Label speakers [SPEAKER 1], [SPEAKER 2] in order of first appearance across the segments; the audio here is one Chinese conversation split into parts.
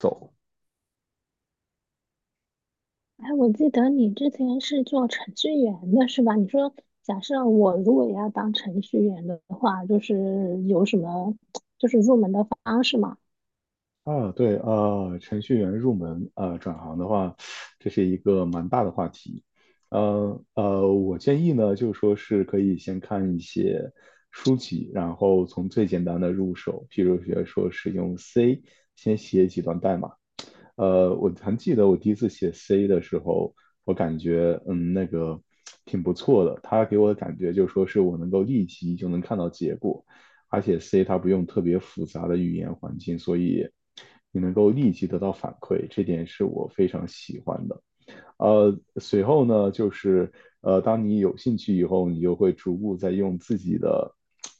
[SPEAKER 1] 走
[SPEAKER 2] 哎，我记得你之前是做程序员的是吧？你说，假设我如果要当程序员的话，有什么入门的方式吗？
[SPEAKER 1] 对，程序员入门，转行的话，这是一个蛮大的话题。我建议呢，就是说是可以先看一些书籍，然后从最简单的入手，譬如学说是用 C 先写几段代码。我还记得我第一次写 C 的时候，我感觉那个挺不错的，它给我的感觉就是说是我能够立即就能看到结果，而且 C 它不用特别复杂的语言环境，所以你能够立即得到反馈，这点是我非常喜欢的。随后呢，就是当你有兴趣以后，你就会逐步在用自己的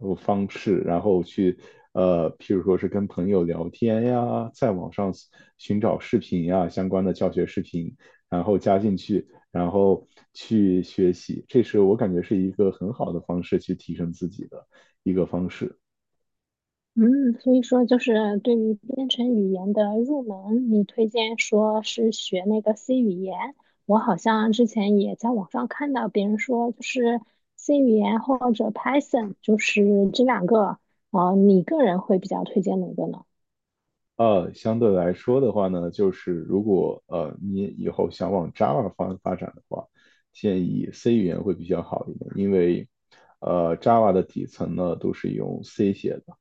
[SPEAKER 1] 方式，然后去譬如说是跟朋友聊天呀，在网上寻找视频呀，相关的教学视频，然后加进去，然后去学习。这是我感觉是一个很好的方式去提升自己的一个方式。
[SPEAKER 2] 嗯，所以说就是对于编程语言的入门，你推荐说是学那个 C 语言。我好像之前也在网上看到别人说，就是 C 语言或者 Python，就是这两个，你个人会比较推荐哪个呢？
[SPEAKER 1] 相对来说的话呢，就是如果你以后想往 Java 方发展的话，建议 C 语言会比较好一点，因为Java 的底层呢都是用 C 写的，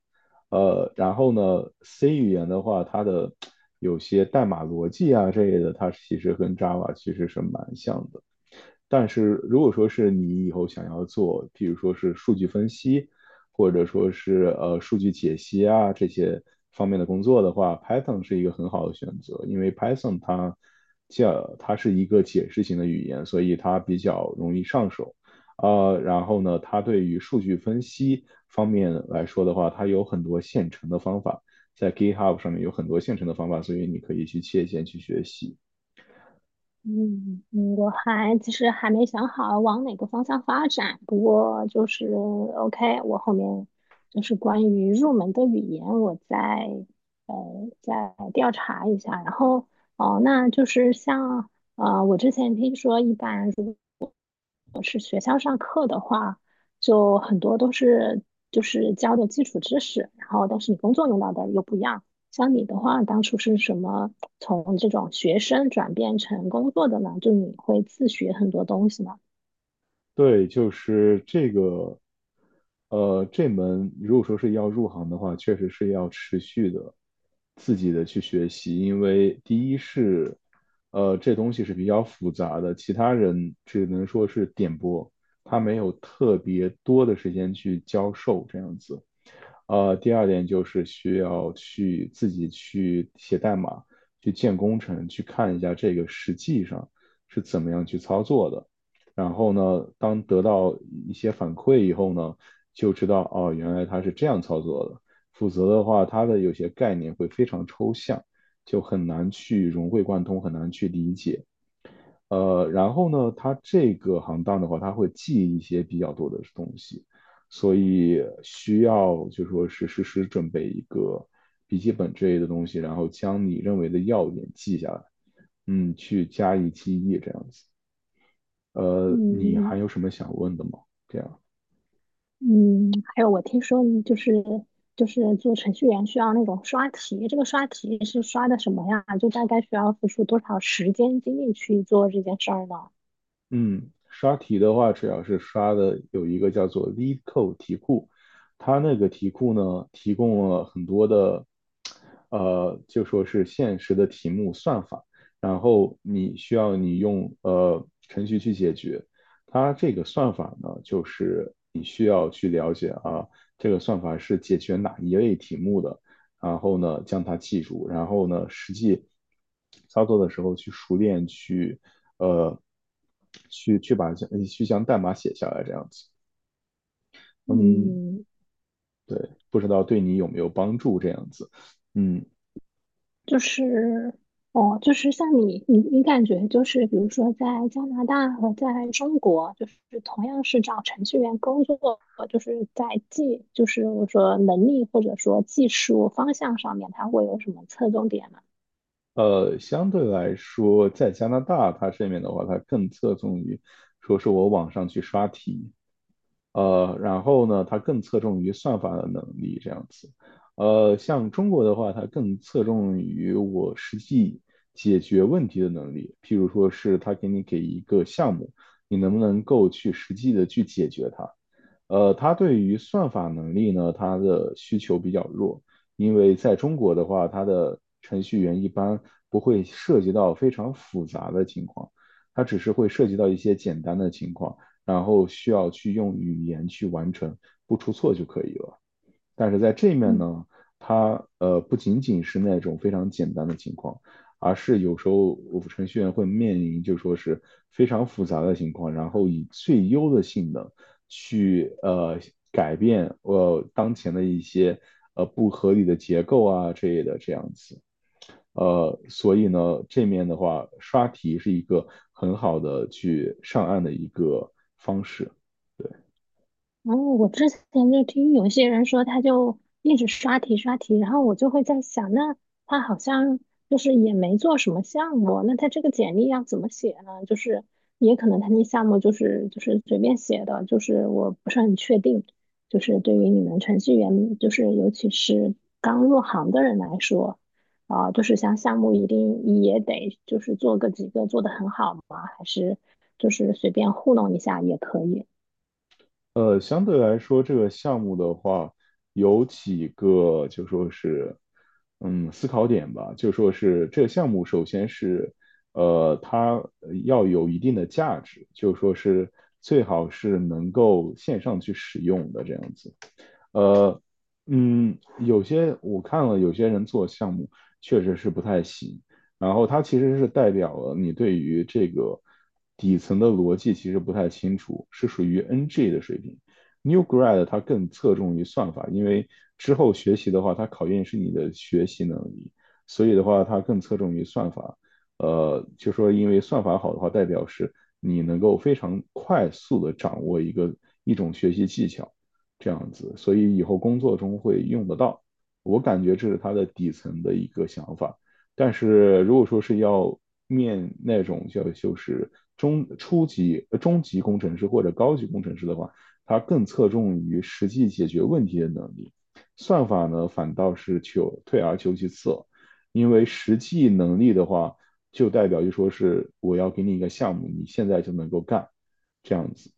[SPEAKER 1] 然后呢 C 语言的话，它的有些代码逻辑啊这类的，它其实跟 Java 其实是蛮像的。但是如果说是你以后想要做，譬如说是数据分析，或者说是数据解析啊这些方面的工作的话，Python 是一个很好的选择，因为 Python 它叫它是一个解释型的语言，所以它比较容易上手。然后呢，它对于数据分析方面来说的话，它有很多现成的方法，在 GitHub 上面有很多现成的方法，所以你可以去借鉴去学习。
[SPEAKER 2] 嗯嗯，我其实还没想好往哪个方向发展，不过就是 OK，我后面就是关于入门的语言，我呃再调查一下。然后哦，那就是像我之前听说一般。是学校上课的话，就很多都是就是教的基础知识，然后但是你工作用到的又不一样。像你的话，当初是什么从这种学生转变成工作的呢？就你会自学很多东西吗？
[SPEAKER 1] 对，就是这个，这门如果说是要入行的话，确实是要持续的自己的去学习，因为第一是，这东西是比较复杂的，其他人只能说是点播，他没有特别多的时间去教授这样子。第二点就是需要去自己去写代码，去建工程，去看一下这个实际上是怎么样去操作的。然后呢，当得到一些反馈以后呢，就知道哦，原来它是这样操作的。否则的话，它的有些概念会非常抽象，就很难去融会贯通，很难去理解。然后呢，它这个行当的话，它会记一些比较多的东西，所以需要就说是实时准备一个笔记本之类的东西，然后将你认为的要点记下来，嗯，去加以记忆这样子。你还
[SPEAKER 2] 嗯
[SPEAKER 1] 有什么想问的吗？这样。
[SPEAKER 2] 嗯，还有我听说你就是做程序员需要那种刷题，这个刷题是刷的什么呀？就大概需要付出多少时间精力去做这件事儿呢？
[SPEAKER 1] 嗯，刷题的话，主要是刷的有一个叫做 LeetCode 题库，它那个题库呢，提供了很多的，就说是现实的题目算法，然后你需要你用程序去解决。它这个算法呢，就是你需要去了解啊，这个算法是解决哪一类题目的，然后呢将它记住，然后呢实际操作的时候去熟练呃，去将代码写下来这样子。嗯，
[SPEAKER 2] 嗯。
[SPEAKER 1] 对，不知道对你有没有帮助这样子。嗯，
[SPEAKER 2] 就是，哦，就是像你，你感觉就是，比如说在加拿大和在中国，就是同样是找程序员工作，就是在技，就是我说能力或者说技术方向上面，它会有什么侧重点吗？
[SPEAKER 1] 相对来说，在加拿大它这边的话，它更侧重于说是我网上去刷题，然后呢，它更侧重于算法的能力这样子。像中国的话，它更侧重于我实际解决问题的能力，譬如说是他给你给一个项目，你能不能够去实际的去解决它。它对于算法能力呢，它的需求比较弱，因为在中国的话，它的程序员一般不会涉及到非常复杂的情况，它只是会涉及到一些简单的情况。然后需要去用语言去完成，不出错就可以了。但是在这面
[SPEAKER 2] 嗯
[SPEAKER 1] 呢，它不仅仅是那种非常简单的情况，而是有时候我们程序员会面临就说是非常复杂的情况，然后以最优的性能去改变当前的一些不合理的结构啊之类的这样子。所以呢，这面的话，刷题是一个很好的去上岸的一个方式。
[SPEAKER 2] 然后我之前就听有些人说，他就一直刷题刷题，然后我就会在想，那他好像就是也没做什么项目，那他这个简历要怎么写呢？就是也可能他那项目就是随便写的，就是我不是很确定。就是对于你们程序员，就是尤其是刚入行的人来说，啊、就是像项目一定也得就是做个几个做得很好吗？还是就是随便糊弄一下也可以？
[SPEAKER 1] 相对来说，这个项目的话，有几个就说是，嗯，思考点吧。就说是这个项目，首先是，它要有一定的价值，就说是最好是能够线上去使用的这样子。呃，有些我看了，有些人做项目确实是不太行。然后它其实是代表了你对于这个底层的逻辑其实不太清楚，是属于 NG 的水平。New grad 它更侧重于算法，因为之后学习的话，它考验是你的学习能力，所以的话它更侧重于算法。就说因为算法好的话，代表是你能够非常快速的掌握一个一种学习技巧。这样子，所以以后工作中会用得到。我感觉这是他的底层的一个想法。但是如果说是要面那种叫就是中级工程师或者高级工程师的话，他更侧重于实际解决问题的能力。算法呢，反倒是求退而求其次，因为实际能力的话，就代表就说是我要给你一个项目，你现在就能够干，这样子。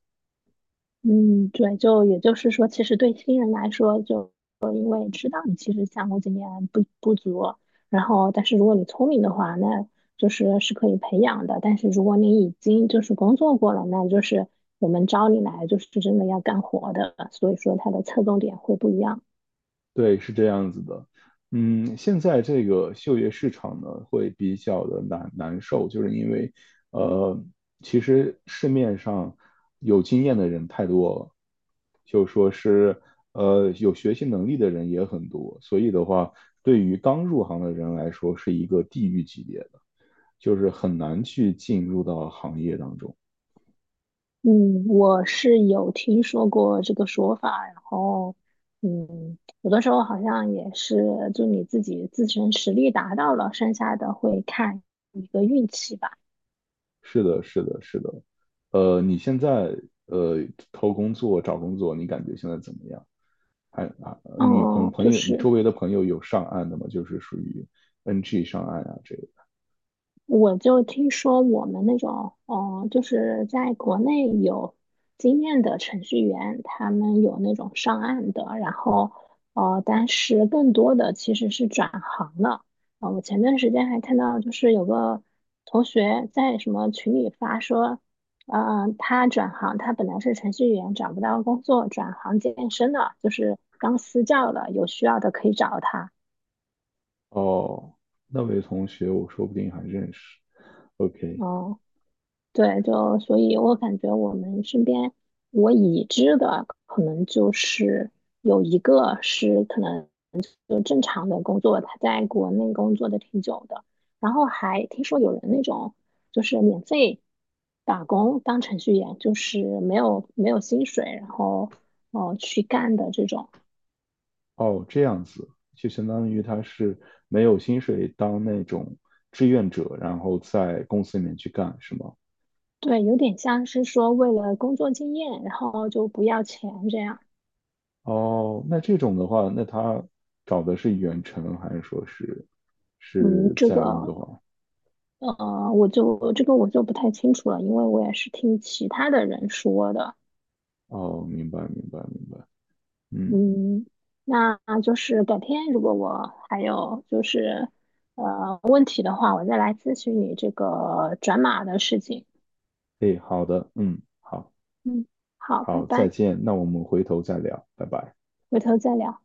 [SPEAKER 2] 嗯，对，就也就是说，其实对新人来说，就我也知道你其实项目经验不足，然后但是如果你聪明的话，那就是是可以培养的。但是如果你已经就是工作过了，那就是我们招你来就是真的要干活的，所以说它的侧重点会不一样。
[SPEAKER 1] 对，是这样子的。嗯，现在这个就业市场呢，会比较的难受，就是因为，呃，其实市面上有经验的人太多了，就说是，有学习能力的人也很多，所以的话，对于刚入行的人来说，是一个地狱级别的，就是很难去进入到行业当中。
[SPEAKER 2] 嗯，我是有听说过这个说法，然后嗯，有的时候好像也是就你自己自身实力达到了，剩下的会看一个运气吧。
[SPEAKER 1] 是的，是的，是的。你现在呃投工作、找工作，你感觉现在怎么样？还啊，你朋
[SPEAKER 2] 哦，
[SPEAKER 1] 朋
[SPEAKER 2] 就
[SPEAKER 1] 友，你周
[SPEAKER 2] 是
[SPEAKER 1] 围的朋友有上岸的吗？就是属于 NG 上岸啊这个。
[SPEAKER 2] 我就听说我们那种，哦，就是在国内有经验的程序员，他们有那种上岸的，然后，但是更多的其实是转行了。我前段时间还看到，就是有个同学在什么群里发说，嗯，他转行，他本来是程序员，找不到工作，转行健身了，就是当私教了，有需要的可以找他。
[SPEAKER 1] 哦，那位同学，我说不定还认识。OK,
[SPEAKER 2] 哦。对，就所以，我感觉我们身边我已知的可能就是有一个是可能就正常的工作，他在国内工作的挺久的，然后还听说有人那种就是免费打工当程序员，就是没有薪水，然后去干的这种，
[SPEAKER 1] 哦，这样子，就相当于他是没有薪水当那种志愿者，然后在公司里面去干，是吗？
[SPEAKER 2] 对，有点像是说为了工作经验，然后就不要钱这样，
[SPEAKER 1] 哦，那这种的话，那他找的是远程还是说是
[SPEAKER 2] 嗯，
[SPEAKER 1] 是
[SPEAKER 2] 这个。
[SPEAKER 1] 在温哥华？
[SPEAKER 2] 我就这个我就不太清楚了，因为我也是听其他的人说的。
[SPEAKER 1] 哦，明白明白明白，嗯，
[SPEAKER 2] 嗯，那就是改天如果我还有就是问题的话，我再来咨询你这个转码的事情。
[SPEAKER 1] 诶，好的，嗯，好，
[SPEAKER 2] 嗯，好，拜
[SPEAKER 1] 好，再
[SPEAKER 2] 拜，
[SPEAKER 1] 见，那我们回头再聊，拜拜。
[SPEAKER 2] 回头再聊。